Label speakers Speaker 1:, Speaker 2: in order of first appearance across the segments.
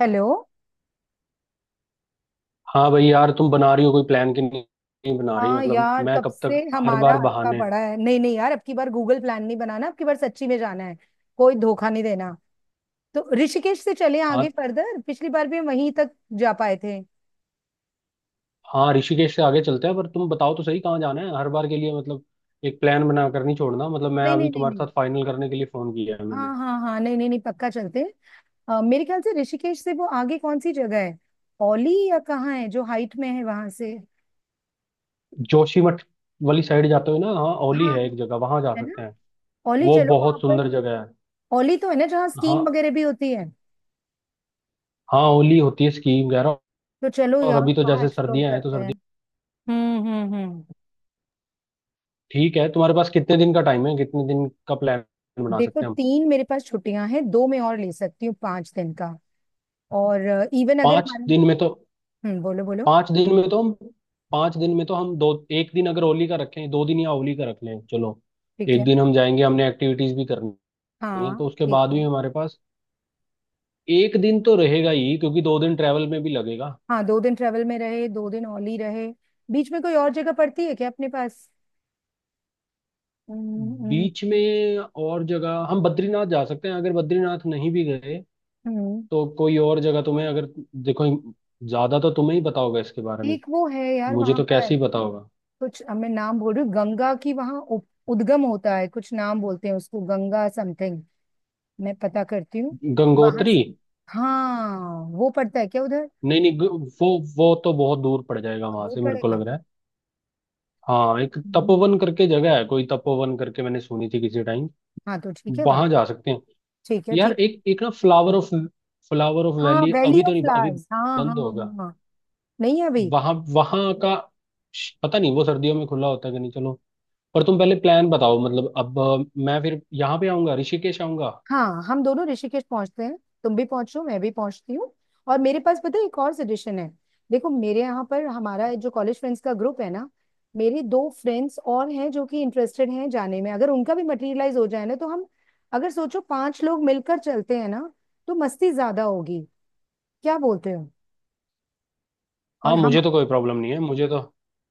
Speaker 1: Hello.
Speaker 2: हाँ भाई यार, तुम बना रही हो कोई प्लान की नहीं। नहीं बना रही,
Speaker 1: हाँ
Speaker 2: मतलब
Speaker 1: यार,
Speaker 2: मैं
Speaker 1: कब
Speaker 2: कब
Speaker 1: से
Speaker 2: तक। हर
Speaker 1: हमारा
Speaker 2: बार
Speaker 1: अटका
Speaker 2: बहाने।
Speaker 1: पड़ा है। नहीं नहीं यार, अब की बार गूगल प्लान नहीं बनाना, अब की बार सच्ची में जाना है। कोई धोखा नहीं देना। तो ऋषिकेश से चले आगे
Speaker 2: हाँ
Speaker 1: फर्दर, पिछली बार भी हम वहीं तक जा पाए थे।
Speaker 2: हाँ, ऋषिकेश से आगे चलते हैं, पर तुम बताओ तो सही कहाँ जाना है हर बार के लिए। मतलब एक प्लान बना कर नहीं छोड़ना, मतलब मैं
Speaker 1: नहीं नहीं
Speaker 2: अभी
Speaker 1: नहीं
Speaker 2: तुम्हारे
Speaker 1: नहीं।
Speaker 2: साथ फाइनल करने के लिए फोन किया है मैंने।
Speaker 1: हाँ हाँ हाँ, नहीं नहीं नहीं, पक्का चलते हैं। मेरे ख्याल से ऋषिकेश से वो आगे कौन सी जगह है? औली या कहाँ है जो हाइट में है वहां से?
Speaker 2: जोशीमठ वाली साइड जाते हुए ना, हाँ ओली
Speaker 1: हाँ,
Speaker 2: है एक जगह, वहां जा
Speaker 1: है ना।
Speaker 2: सकते हैं।
Speaker 1: औली
Speaker 2: वो
Speaker 1: चलो वहां
Speaker 2: बहुत
Speaker 1: पर।
Speaker 2: सुंदर जगह है।
Speaker 1: औली तो है ना जहाँ
Speaker 2: हाँ,
Speaker 1: स्कीइंग वगैरह भी होती है?
Speaker 2: हाँ ओली होती है स्कीम वगैरह।
Speaker 1: तो चलो
Speaker 2: और
Speaker 1: यार,
Speaker 2: अभी तो
Speaker 1: वहाँ
Speaker 2: जैसे
Speaker 1: एक्सप्लोर
Speaker 2: सर्दियां हैं तो
Speaker 1: करते हैं।
Speaker 2: सर्दी।
Speaker 1: हम्म हम्म हम्म
Speaker 2: ठीक है, तुम्हारे पास कितने दिन का टाइम है, कितने दिन का प्लान बना
Speaker 1: देखो,
Speaker 2: सकते हैं हम।
Speaker 1: 3 मेरे पास छुट्टियां हैं, 2 मैं और ले सकती हूँ, 5 दिन का। और, इवन अगर
Speaker 2: पाँच
Speaker 1: हमारे।
Speaker 2: दिन में तो
Speaker 1: बोलो बोलो।
Speaker 2: पांच दिन में तो हम पांच दिन में तो हम दो, एक दिन अगर होली का रखें, दो दिन या होली का रख लें, चलो।
Speaker 1: ठीक
Speaker 2: एक
Speaker 1: है।
Speaker 2: दिन हम जाएंगे, हमने एक्टिविटीज भी करनी है,
Speaker 1: हाँ
Speaker 2: तो उसके
Speaker 1: ठीक
Speaker 2: बाद
Speaker 1: है।
Speaker 2: भी हमारे पास एक दिन तो रहेगा ही, क्योंकि दो दिन ट्रैवल में भी लगेगा।
Speaker 1: हाँ, दो दिन ट्रेवल में रहे, 2 दिन ओनली रहे। बीच में कोई और जगह पड़ती है क्या अपने पास? हम्म, हम्म,
Speaker 2: बीच
Speaker 1: हम्म।
Speaker 2: में और जगह हम बद्रीनाथ जा सकते हैं, अगर बद्रीनाथ नहीं भी गए
Speaker 1: हम्म।
Speaker 2: तो कोई और जगह तुम्हें अगर... देखो, ज्यादा तो तुम्हें ही पता होगा इसके बारे में।
Speaker 1: एक वो है यार
Speaker 2: मुझे
Speaker 1: वहां
Speaker 2: तो
Speaker 1: पर
Speaker 2: कैसे ही पता होगा।
Speaker 1: कुछ, अब मैं नाम बोल रही हूँ, गंगा की वहां उद्गम होता है, कुछ नाम बोलते हैं उसको, गंगा समथिंग। मैं पता करती हूँ। वहां
Speaker 2: गंगोत्री।
Speaker 1: से, हाँ, वो पड़ता है क्या उधर?
Speaker 2: नहीं, नहीं, वो वो तो बहुत दूर पड़ जाएगा वहां
Speaker 1: दूर
Speaker 2: से, मेरे को
Speaker 1: पड़ेगा।
Speaker 2: लग रहा है। हाँ, एक
Speaker 1: हम्म। हम्म।
Speaker 2: तपोवन करके जगह है कोई, तपोवन करके मैंने सुनी थी किसी टाइम।
Speaker 1: हाँ तो ठीक है वहां।
Speaker 2: वहां जा सकते हैं।
Speaker 1: ठीक है
Speaker 2: यार
Speaker 1: ठीक है।
Speaker 2: एक एक ना, फ्लावर ऑफ
Speaker 1: हाँ,
Speaker 2: वैली
Speaker 1: वैली
Speaker 2: अभी तो
Speaker 1: ऑफ
Speaker 2: नहीं, अभी
Speaker 1: फ्लावर्स, हाँ हाँ
Speaker 2: बंद
Speaker 1: हाँ
Speaker 2: होगा।
Speaker 1: हाँ। नहीं है अभी।
Speaker 2: वहां वहां का पता नहीं वो सर्दियों में खुला होता है कि नहीं, चलो। पर तुम पहले प्लान बताओ, मतलब अब मैं फिर यहाँ पे आऊंगा, ऋषिकेश आऊंगा।
Speaker 1: हाँ, हम दोनों ऋषिकेश पहुंचते हैं। तुम भी पहुंचो, मैं भी पहुंचती हूँ। और मेरे पास, पता है, एक और सजेशन है। देखो, मेरे यहाँ पर हमारा जो कॉलेज फ्रेंड्स का ग्रुप है ना, मेरे दो फ्रेंड्स और हैं जो कि इंटरेस्टेड हैं जाने में। अगर उनका भी मटेरियलाइज हो जाए ना, तो हम, अगर सोचो पांच लोग मिलकर चलते हैं ना, तो मस्ती ज्यादा होगी। क्या बोलते हो? और
Speaker 2: हाँ,
Speaker 1: हम,
Speaker 2: मुझे तो कोई प्रॉब्लम नहीं है मुझे तो।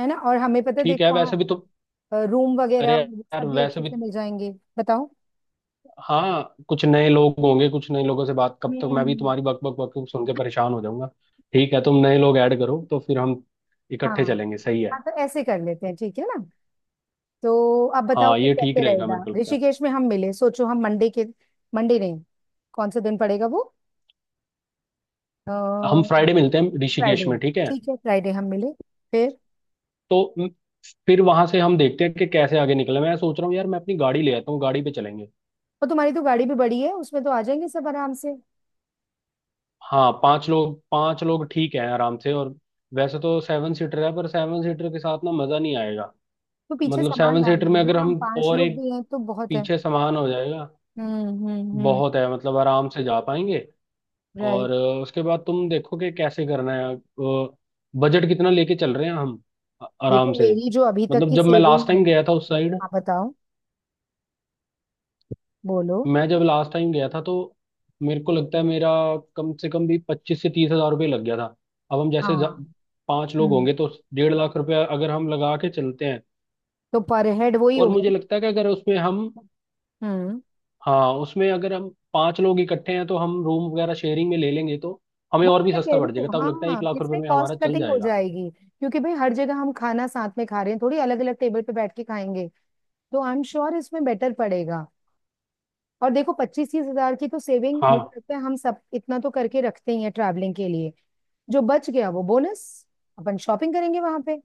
Speaker 1: है ना, और हमें पता है,
Speaker 2: ठीक है,
Speaker 1: देखो
Speaker 2: वैसे भी
Speaker 1: वहाँ
Speaker 2: तुम...
Speaker 1: रूम
Speaker 2: अरे
Speaker 1: वगैरह
Speaker 2: यार
Speaker 1: सब भी
Speaker 2: वैसे
Speaker 1: अच्छे
Speaker 2: भी
Speaker 1: से मिल जाएंगे। बताओ।
Speaker 2: हाँ, कुछ नए लोग होंगे, कुछ नए लोगों से बात। कब तक मैं भी
Speaker 1: हम्म।
Speaker 2: तुम्हारी बक बक बक सुन के परेशान हो जाऊंगा। ठीक है, तुम नए लोग ऐड करो तो फिर हम
Speaker 1: हाँ
Speaker 2: इकट्ठे चलेंगे, सही है।
Speaker 1: हाँ, तो ऐसे कर लेते हैं, ठीक है ना? तो आप बताओ
Speaker 2: हाँ
Speaker 1: फिर
Speaker 2: ये ठीक
Speaker 1: कैसे
Speaker 2: रहेगा,
Speaker 1: रहेगा,
Speaker 2: मेरे को लगता
Speaker 1: ऋषिकेश में हम मिले, सोचो हम मंडे के, मंडे नहीं, कौन सा दिन पड़ेगा वो,
Speaker 2: है हम
Speaker 1: फ्राइडे।
Speaker 2: फ्राइडे मिलते हैं ऋषिकेश में, ठीक है।
Speaker 1: ठीक है, फ्राइडे हम मिले। फिर,
Speaker 2: तो फिर वहां से हम देखते हैं कि कैसे आगे निकले। मैं सोच रहा हूँ यार, मैं अपनी गाड़ी ले आता हूँ, गाड़ी पे चलेंगे।
Speaker 1: और तुम्हारी तो गाड़ी भी बड़ी है, उसमें तो आ जाएंगे सब आराम से।
Speaker 2: हाँ, पांच लोग ठीक है, आराम से। और वैसे तो 7 सीटर है, पर सेवन सीटर के साथ ना मजा नहीं आएगा।
Speaker 1: तो पीछे
Speaker 2: मतलब
Speaker 1: सामान
Speaker 2: सेवन
Speaker 1: डाल
Speaker 2: सीटर में
Speaker 1: देंगे ना,
Speaker 2: अगर
Speaker 1: हम
Speaker 2: हम
Speaker 1: पांच
Speaker 2: और
Speaker 1: लोग
Speaker 2: एक...
Speaker 1: भी हैं तो बहुत है।
Speaker 2: पीछे सामान हो जाएगा,
Speaker 1: हम्म,
Speaker 2: बहुत है, मतलब आराम से जा पाएंगे।
Speaker 1: राइट।
Speaker 2: और उसके बाद तुम देखो कि कैसे करना है, बजट कितना लेके चल रहे हैं हम।
Speaker 1: देखो
Speaker 2: आराम से...
Speaker 1: मेरी जो अभी तक
Speaker 2: मतलब
Speaker 1: की
Speaker 2: जब मैं लास्ट
Speaker 1: सेविंग है,
Speaker 2: टाइम गया था उस साइड,
Speaker 1: आप बताओ। बोलो।
Speaker 2: मैं जब लास्ट टाइम गया था तो मेरे को लगता है मेरा कम से कम भी 25 से 30,000 रुपये लग गया था। अब हम जैसे
Speaker 1: हाँ।
Speaker 2: पांच लोग
Speaker 1: हम्म
Speaker 2: होंगे तो 1.5 लाख रुपया अगर हम लगा के चलते हैं,
Speaker 1: तो पर हेड वही
Speaker 2: और
Speaker 1: हो गया
Speaker 2: मुझे
Speaker 1: ना?
Speaker 2: लगता है कि अगर उसमें हम...
Speaker 1: हम्म
Speaker 2: हाँ, उसमें अगर हम पांच लोग इकट्ठे हैं तो हम रूम वगैरह शेयरिंग में ले लेंगे, तो हमें
Speaker 1: वो
Speaker 2: और
Speaker 1: तो
Speaker 2: भी
Speaker 1: मैं कह
Speaker 2: सस्ता
Speaker 1: रही
Speaker 2: पड़ जाएगा,
Speaker 1: हूँ,
Speaker 2: तब लगता है एक
Speaker 1: हाँ,
Speaker 2: लाख
Speaker 1: इसमें
Speaker 2: रुपए में
Speaker 1: कॉस्ट
Speaker 2: हमारा चल
Speaker 1: कटिंग हो
Speaker 2: जाएगा।
Speaker 1: जाएगी। क्योंकि भाई हर जगह हम खाना साथ में खा रहे हैं, थोड़ी अलग अलग टेबल पे बैठ के खाएंगे। तो आई एम श्योर इसमें बेटर पड़ेगा। और देखो, 25-30 हजार की तो सेविंग, मुझे
Speaker 2: हाँ
Speaker 1: लगता है हम सब इतना तो करके रखते ही हैं ट्रैवलिंग के लिए। जो बच गया वो बोनस। अपन शॉपिंग करेंगे वहां पे,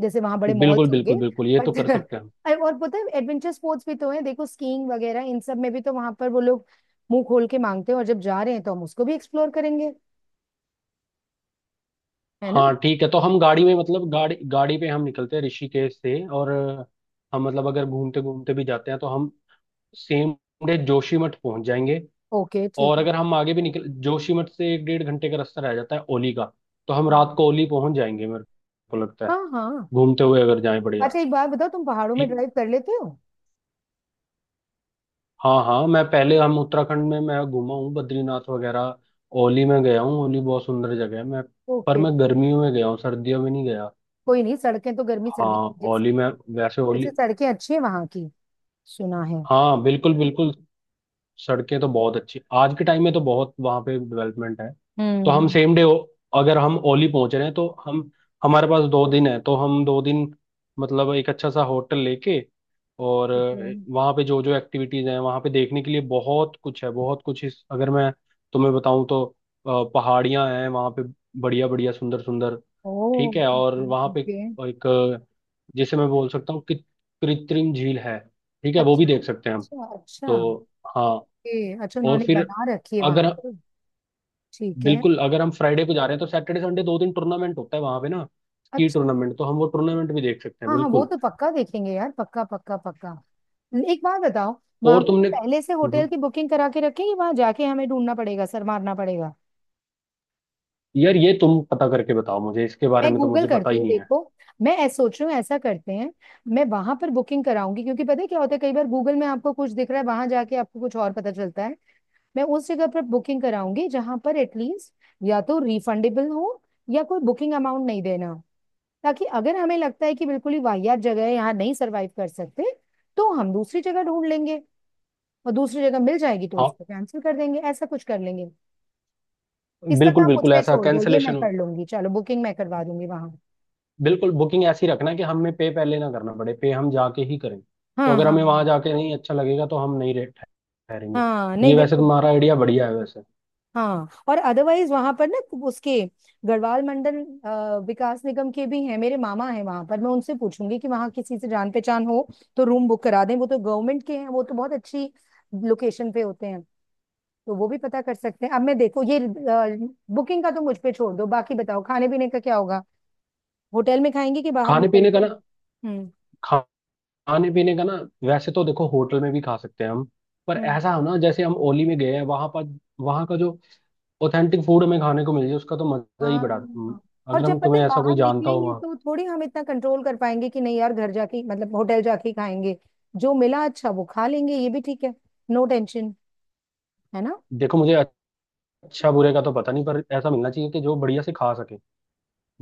Speaker 1: जैसे वहां बड़े
Speaker 2: बिल्कुल
Speaker 1: मॉल्स होंगे।
Speaker 2: बिल्कुल बिल्कुल, ये तो
Speaker 1: बट
Speaker 2: कर सकते हैं हम।
Speaker 1: और पता है, एडवेंचर स्पोर्ट्स भी तो है, देखो स्कीइंग वगैरह, इन सब में भी तो वहां पर वो लोग मुंह खोल के मांगते हैं, और जब जा रहे हैं तो हम उसको भी एक्सप्लोर करेंगे। है ना?
Speaker 2: हाँ ठीक है, तो हम गाड़ी में, मतलब गाड़ी गाड़ी पे हम निकलते हैं ऋषिकेश से। और हम, मतलब अगर घूमते घूमते भी जाते हैं, तो हम सेम डे जोशीमठ पहुंच जाएंगे।
Speaker 1: ओके ठीक
Speaker 2: और
Speaker 1: है।
Speaker 2: अगर हम आगे भी निकल, जोशीमठ से एक डेढ़ घंटे का रास्ता रह जाता है ओली का, तो हम रात
Speaker 1: हाँ
Speaker 2: को ओली पहुंच जाएंगे मेरे को लगता है,
Speaker 1: हाँ हाँ।
Speaker 2: घूमते हुए अगर जाएं बढ़िया।
Speaker 1: अच्छा, एक बात बताओ, तुम पहाड़ों में ड्राइव कर लेते हो?
Speaker 2: हाँ हाँ, मैं पहले, हम उत्तराखंड में मैं घूमा हूँ, बद्रीनाथ वगैरह। ओली में गया हूँ, ओली बहुत सुंदर जगह है। मैं, पर
Speaker 1: ओके।
Speaker 2: मैं गर्मियों में गया हूँ, सर्दियों में नहीं गया।
Speaker 1: कोई नहीं, सड़कें तो गर्मी सर्दी
Speaker 2: हाँ
Speaker 1: की जैसे,
Speaker 2: ओली में, वैसे
Speaker 1: जैसे
Speaker 2: ओली,
Speaker 1: सड़कें अच्छी हैं वहां की, सुना है।
Speaker 2: हाँ बिल्कुल बिल्कुल, सड़कें तो बहुत अच्छी आज के टाइम में, तो बहुत वहाँ पे डेवलपमेंट है। तो हम
Speaker 1: हम्म।
Speaker 2: सेम डे अगर हम ओली पहुंच रहे हैं, तो हम, हमारे पास दो दिन है तो हम दो दिन, मतलब एक अच्छा सा होटल लेके, और
Speaker 1: ठीक है।
Speaker 2: वहाँ पे जो जो एक्टिविटीज हैं, वहाँ पे देखने के लिए बहुत कुछ है। बहुत कुछ इस अगर मैं तुम्हें बताऊँ तो, पहाड़ियाँ हैं वहाँ पे, बढ़िया बढ़िया, सुंदर सुंदर।
Speaker 1: ओ,
Speaker 2: ठीक है, और
Speaker 1: ओके।
Speaker 2: वहाँ पे
Speaker 1: ओके।
Speaker 2: एक जैसे मैं बोल सकता हूँ कि कृत्रिम झील है, ठीक है वो भी
Speaker 1: अच्छा
Speaker 2: देख सकते हैं हम।
Speaker 1: अच्छा अच्छा।
Speaker 2: तो हाँ।
Speaker 1: ओके, अच्छा
Speaker 2: और
Speaker 1: उन्होंने
Speaker 2: फिर
Speaker 1: बना रखी है वहां
Speaker 2: अगर,
Speaker 1: पे। ठीक है।
Speaker 2: बिल्कुल, अगर हम फ्राइडे को जा रहे हैं तो सैटरडे संडे दो दिन टूर्नामेंट होता है वहां पे ना, स्की
Speaker 1: अच्छा,
Speaker 2: टूर्नामेंट, तो हम वो टूर्नामेंट भी देख सकते हैं
Speaker 1: हाँ हाँ वो
Speaker 2: बिल्कुल।
Speaker 1: तो पक्का देखेंगे यार, पक्का पक्का पक्का। एक बात बताओ,
Speaker 2: और
Speaker 1: वहां पे
Speaker 2: तुमने
Speaker 1: पहले से होटल की बुकिंग करा के रखें या वहां जाके हमें ढूंढना पड़ेगा, सर मारना पड़ेगा?
Speaker 2: यार ये तुम पता करके बताओ मुझे, इसके बारे
Speaker 1: मैं
Speaker 2: में तो
Speaker 1: गूगल
Speaker 2: मुझे पता
Speaker 1: करती
Speaker 2: ही
Speaker 1: हूँ,
Speaker 2: नहीं है।
Speaker 1: देखो। मैं ऐसा सोच रही हूँ, ऐसा करते हैं। मैं वहां पर बुकिंग कराऊंगी, क्योंकि पता है क्या होता है, कई बार गूगल में आपको कुछ दिख रहा है, वहां जाके आपको कुछ और पता चलता है। मैं उस जगह पर बुकिंग कराऊंगी जहां पर एटलीस्ट या तो रिफंडेबल हो, या कोई बुकिंग अमाउंट नहीं देना हो। ताकि अगर हमें लगता है कि बिल्कुल ही वाहियात जगह है, यहाँ नहीं सरवाइव कर सकते, तो हम दूसरी जगह ढूंढ लेंगे। और दूसरी जगह मिल जाएगी तो
Speaker 2: हाँ
Speaker 1: उसको कैंसिल कर देंगे, ऐसा कुछ कर लेंगे। इसका
Speaker 2: बिल्कुल
Speaker 1: काम मुझ
Speaker 2: बिल्कुल,
Speaker 1: पे
Speaker 2: ऐसा
Speaker 1: छोड़ दो, ये मैं
Speaker 2: कैंसलेशन।
Speaker 1: कर लूंगी, चलो बुकिंग मैं करवा दूंगी वहां।
Speaker 2: बिल्कुल, बुकिंग ऐसी रखना कि हमें पे पहले ना करना पड़े, पे हम जाके ही करें। तो
Speaker 1: हाँ
Speaker 2: अगर
Speaker 1: हाँ
Speaker 2: हमें वहां
Speaker 1: हाँ।
Speaker 2: जाके नहीं अच्छा लगेगा तो हम नहीं ठहरेंगे।
Speaker 1: हाँ नहीं,
Speaker 2: ये वैसे
Speaker 1: बिल्कुल।
Speaker 2: तुम्हारा आइडिया बढ़िया है वैसे।
Speaker 1: हाँ और अदरवाइज वहां पर ना, उसके गढ़वाल मंडल विकास निगम के भी हैं, मेरे मामा हैं वहां पर, मैं उनसे पूछूंगी कि वहां किसी से जान पहचान हो तो रूम बुक करा दें। वो तो गवर्नमेंट के हैं, वो तो बहुत अच्छी लोकेशन पे होते हैं। तो वो भी पता कर सकते हैं। अब मैं, देखो ये बुकिंग का तो मुझ पे छोड़ दो, बाकी बताओ खाने पीने का क्या होगा, होटल में खाएंगे कि बाहर
Speaker 2: खाने
Speaker 1: निकल
Speaker 2: पीने का
Speaker 1: के? हम्म
Speaker 2: ना खाने पीने का ना, वैसे तो देखो होटल में भी खा सकते हैं हम, पर
Speaker 1: हम्म।
Speaker 2: ऐसा हो ना, जैसे हम ओली में गए हैं वहां पर, वहां का जो ऑथेंटिक फूड हमें खाने को मिल जाए, उसका तो मजा ही बड़ा,
Speaker 1: हाँ, और
Speaker 2: अगर
Speaker 1: जब
Speaker 2: हम...
Speaker 1: पता
Speaker 2: तुम्हें
Speaker 1: है
Speaker 2: ऐसा कोई
Speaker 1: बाहर
Speaker 2: जानता हो
Speaker 1: निकलेंगे
Speaker 2: वहाँ।
Speaker 1: तो थोड़ी हम इतना कंट्रोल कर पाएंगे कि नहीं यार, मतलब होटल जाके ही खाएंगे। जो मिला अच्छा वो खा लेंगे, ये भी ठीक है। No tension. है ना?
Speaker 2: देखो मुझे, अच्छा बुरे का तो पता नहीं, पर ऐसा मिलना चाहिए कि जो बढ़िया से खा सके,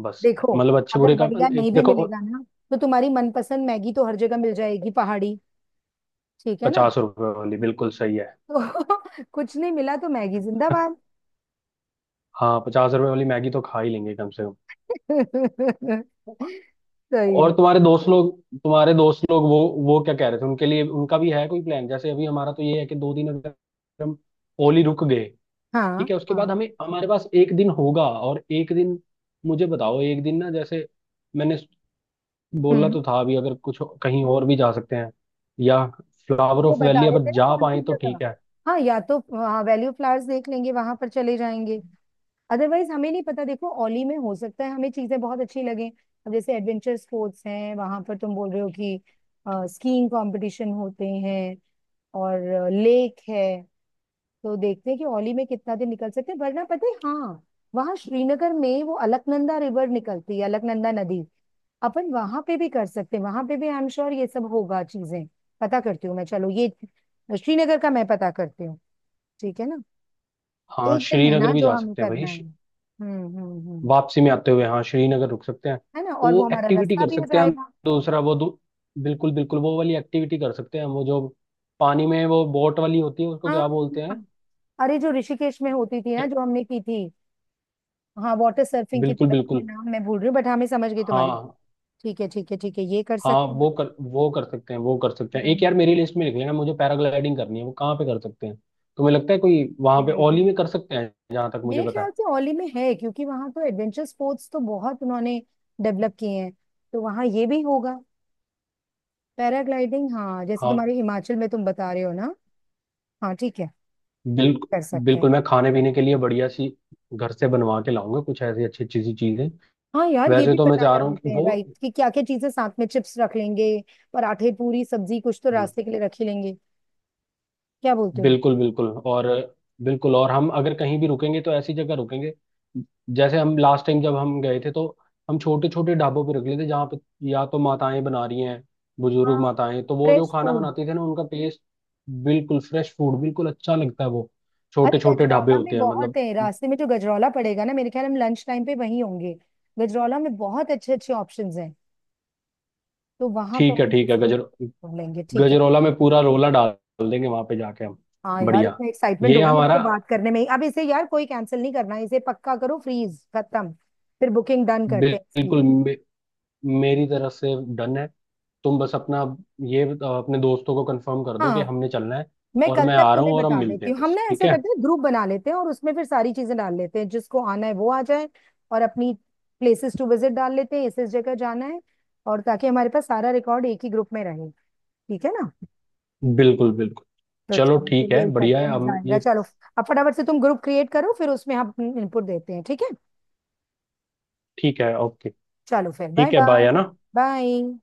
Speaker 2: बस।
Speaker 1: देखो,
Speaker 2: मतलब अच्छे
Speaker 1: अगर
Speaker 2: बुरे का,
Speaker 1: बढ़िया
Speaker 2: एक
Speaker 1: नहीं भी
Speaker 2: देखो,
Speaker 1: मिलेगा ना, तो तुम्हारी मनपसंद मैगी तो हर जगह मिल जाएगी पहाड़ी। ठीक है ना?
Speaker 2: 50 रुपए वाली बिल्कुल सही है।
Speaker 1: तो कुछ नहीं मिला तो मैगी जिंदाबाद।
Speaker 2: हाँ 50 रुपए वाली मैगी तो खा ही लेंगे कम से कम।
Speaker 1: सही
Speaker 2: और
Speaker 1: में।
Speaker 2: तुम्हारे दोस्त लोग वो क्या कह रहे थे उनके लिए, उनका भी है कोई प्लान? जैसे अभी हमारा तो ये है कि दो दिन अगर हम ओली रुक गए
Speaker 1: हाँ
Speaker 2: ठीक है, उसके
Speaker 1: हाँ।
Speaker 2: बाद हमें, हमारे पास एक दिन होगा और एक दिन मुझे बताओ। एक दिन ना, जैसे मैंने बोला
Speaker 1: हम्म।
Speaker 2: तो था अभी, अगर कुछ कहीं और भी जा सकते हैं, या फ्लावर
Speaker 1: वो
Speaker 2: ऑफ
Speaker 1: बता
Speaker 2: वैली
Speaker 1: रहे थे
Speaker 2: अगर
Speaker 1: ना
Speaker 2: जा
Speaker 1: कौन
Speaker 2: पाए
Speaker 1: सी
Speaker 2: तो
Speaker 1: जगह?
Speaker 2: ठीक है।
Speaker 1: हाँ, या तो हाँ वैल्यू फ्लावर्स देख लेंगे, वहां पर चले जाएंगे। अदरवाइज हमें नहीं पता, देखो ओली में हो सकता है हमें चीजें बहुत अच्छी लगे। अब जैसे एडवेंचर स्पोर्ट्स हैं वहां पर, तुम बोल रहे हो कि स्कीइंग कंपटीशन होते हैं और लेक है। तो देखते हैं कि ओली में कितना दिन निकल सकते हैं, वरना पता है हाँ, वहां श्रीनगर में वो अलकनंदा रिवर निकलती है, अलकनंदा नदी। अपन वहां पे भी कर सकते हैं, वहां पे भी आई एम श्योर ये सब होगा चीजें। पता करती हूँ मैं, चलो ये श्रीनगर का मैं पता करती हूँ। ठीक है ना?
Speaker 2: हाँ
Speaker 1: एक दिन है ना
Speaker 2: श्रीनगर भी
Speaker 1: जो
Speaker 2: जा
Speaker 1: हमें
Speaker 2: सकते हैं भाई,
Speaker 1: करना है। हम्म।
Speaker 2: वापसी में आते हुए हाँ, श्रीनगर रुक सकते हैं,
Speaker 1: है ना, और वो
Speaker 2: वो
Speaker 1: हमारा
Speaker 2: एक्टिविटी
Speaker 1: रास्ता
Speaker 2: कर
Speaker 1: भी हो
Speaker 2: सकते हैं हम।
Speaker 1: जाएगा।
Speaker 2: दूसरा वो दू, बिल्कुल बिल्कुल, वो वाली एक्टिविटी कर सकते हैं, वो जो पानी में वो बोट वाली होती है, उसको
Speaker 1: हाँ
Speaker 2: क्या बोलते हैं।
Speaker 1: हाँ। अरे, जो ऋषिकेश में होती थी ना
Speaker 2: क्या-
Speaker 1: जो हमने की थी। हाँ, वाटर सर्फिंग की
Speaker 2: बिल्कुल
Speaker 1: तरह, मैं
Speaker 2: बिल्कुल।
Speaker 1: नाम मैं भूल रही हूँ, बट हाँ मैं समझ गई तुम्हारी बात।
Speaker 2: हाँ
Speaker 1: ठीक है ठीक है ठीक है, ये कर
Speaker 2: हाँ,
Speaker 1: सकते हैं।
Speaker 2: वो कर सकते हैं, एक
Speaker 1: हम्म,
Speaker 2: यार मेरी लिस्ट में लिख लेना, मुझे पैराग्लाइडिंग करनी है। वो कहाँ पे कर सकते हैं, तुम्हें लगता है? कोई वहां पे
Speaker 1: right है।
Speaker 2: ओली में कर सकते हैं जहां तक मुझे
Speaker 1: मेरे
Speaker 2: पता है।
Speaker 1: ख्याल से औली में है क्योंकि वहां तो एडवेंचर स्पोर्ट्स तो बहुत उन्होंने डेवलप किए हैं, तो वहां ये भी होगा। पैराग्लाइडिंग, हाँ, जैसे
Speaker 2: हाँ
Speaker 1: तुम्हारे हिमाचल में तुम बता रहे हो ना। हाँ ठीक है,
Speaker 2: बिल्कुल
Speaker 1: कर सकते हैं।
Speaker 2: बिल्कुल। मैं खाने पीने के लिए बढ़िया सी घर से बनवा के लाऊंगा कुछ ऐसी अच्छी अच्छी सी चीजें।
Speaker 1: हाँ यार, ये
Speaker 2: वैसे
Speaker 1: भी
Speaker 2: तो मैं
Speaker 1: पता
Speaker 2: चाह
Speaker 1: कर
Speaker 2: रहा हूँ कि
Speaker 1: लेते हैं
Speaker 2: वो...
Speaker 1: राइट कि क्या क्या चीजें साथ में, चिप्स रख लेंगे, पराठे पूरी सब्जी कुछ तो
Speaker 2: हम्म।
Speaker 1: रास्ते के लिए रख ही लेंगे। क्या बोलते हो?
Speaker 2: बिल्कुल बिल्कुल, और बिल्कुल, और हम अगर कहीं भी रुकेंगे तो ऐसी जगह रुकेंगे, जैसे हम लास्ट टाइम जब हम गए थे तो हम छोटे छोटे ढाबों पे रुक लेते, जहाँ पे या तो माताएं बना रही हैं,
Speaker 1: हाँ,
Speaker 2: बुजुर्ग माताएं, तो वो जो
Speaker 1: फ्रेश
Speaker 2: खाना
Speaker 1: फूड।
Speaker 2: बनाती थी ना उनका टेस्ट... बिल्कुल फ्रेश फूड, बिल्कुल अच्छा लगता है वो। छोटे
Speaker 1: अरे
Speaker 2: छोटे ढाबे
Speaker 1: गजरौला में
Speaker 2: होते हैं
Speaker 1: बहुत
Speaker 2: मतलब।
Speaker 1: है रास्ते में, जो गजरौला पड़ेगा ना मेरे ख्याल हम लंच टाइम पे वहीं होंगे। गजरौला में बहुत अच्छे अच्छे ऑप्शंस हैं, तो वहां
Speaker 2: ठीक
Speaker 1: पर
Speaker 2: है
Speaker 1: हम
Speaker 2: ठीक है,
Speaker 1: किसी को ढूंढ लेंगे, ठीक है।
Speaker 2: गजरौला में पूरा रोला डाल देंगे वहां पे जाके हम।
Speaker 1: हाँ यार,
Speaker 2: बढ़िया,
Speaker 1: इतना एक्साइटमेंट
Speaker 2: ये
Speaker 1: हो रहा है मुझे तो
Speaker 2: हमारा...
Speaker 1: बात करने में ही। अब इसे यार कोई कैंसिल नहीं करना है, इसे पक्का करो, फ्रीज खत्म। फिर बुकिंग डन करते हैं इसकी।
Speaker 2: बिल्कुल, मेरी तरफ से डन है। तुम बस अपना ये अपने दोस्तों को कंफर्म कर दो कि
Speaker 1: हाँ,
Speaker 2: हमने चलना है,
Speaker 1: मैं
Speaker 2: और
Speaker 1: कल
Speaker 2: मैं
Speaker 1: तक
Speaker 2: आ रहा हूँ
Speaker 1: तुम्हें
Speaker 2: और हम
Speaker 1: बता
Speaker 2: मिलते
Speaker 1: देती
Speaker 2: हैं
Speaker 1: हूँ, हम
Speaker 2: बस,
Speaker 1: ना
Speaker 2: ठीक
Speaker 1: ऐसा
Speaker 2: है।
Speaker 1: करते हैं ग्रुप बना लेते हैं और उसमें फिर सारी चीजें डाल लेते हैं जिसको आना है वो आ जाए। और अपनी प्लेसेस टू विजिट डाल लेते हैं, इस जगह जाना है। और ताकि हमारे पास सारा रिकॉर्ड एक ही ग्रुप में रहे। ठीक है ना?
Speaker 2: बिल्कुल बिल्कुल।
Speaker 1: तो
Speaker 2: चलो
Speaker 1: चलो फिर
Speaker 2: ठीक है,
Speaker 1: यही
Speaker 2: बढ़िया
Speaker 1: करते हैं,
Speaker 2: है
Speaker 1: मजा
Speaker 2: हम
Speaker 1: आएगा,
Speaker 2: ये।
Speaker 1: चलो। अब फटाफट से तुम ग्रुप क्रिएट करो फिर उसमें हम इनपुट देते हैं, ठीक है।
Speaker 2: ठीक है, ओके।
Speaker 1: चलो फिर बाय
Speaker 2: ठीक है,
Speaker 1: बाय।
Speaker 2: बाय, है ना।
Speaker 1: बाय।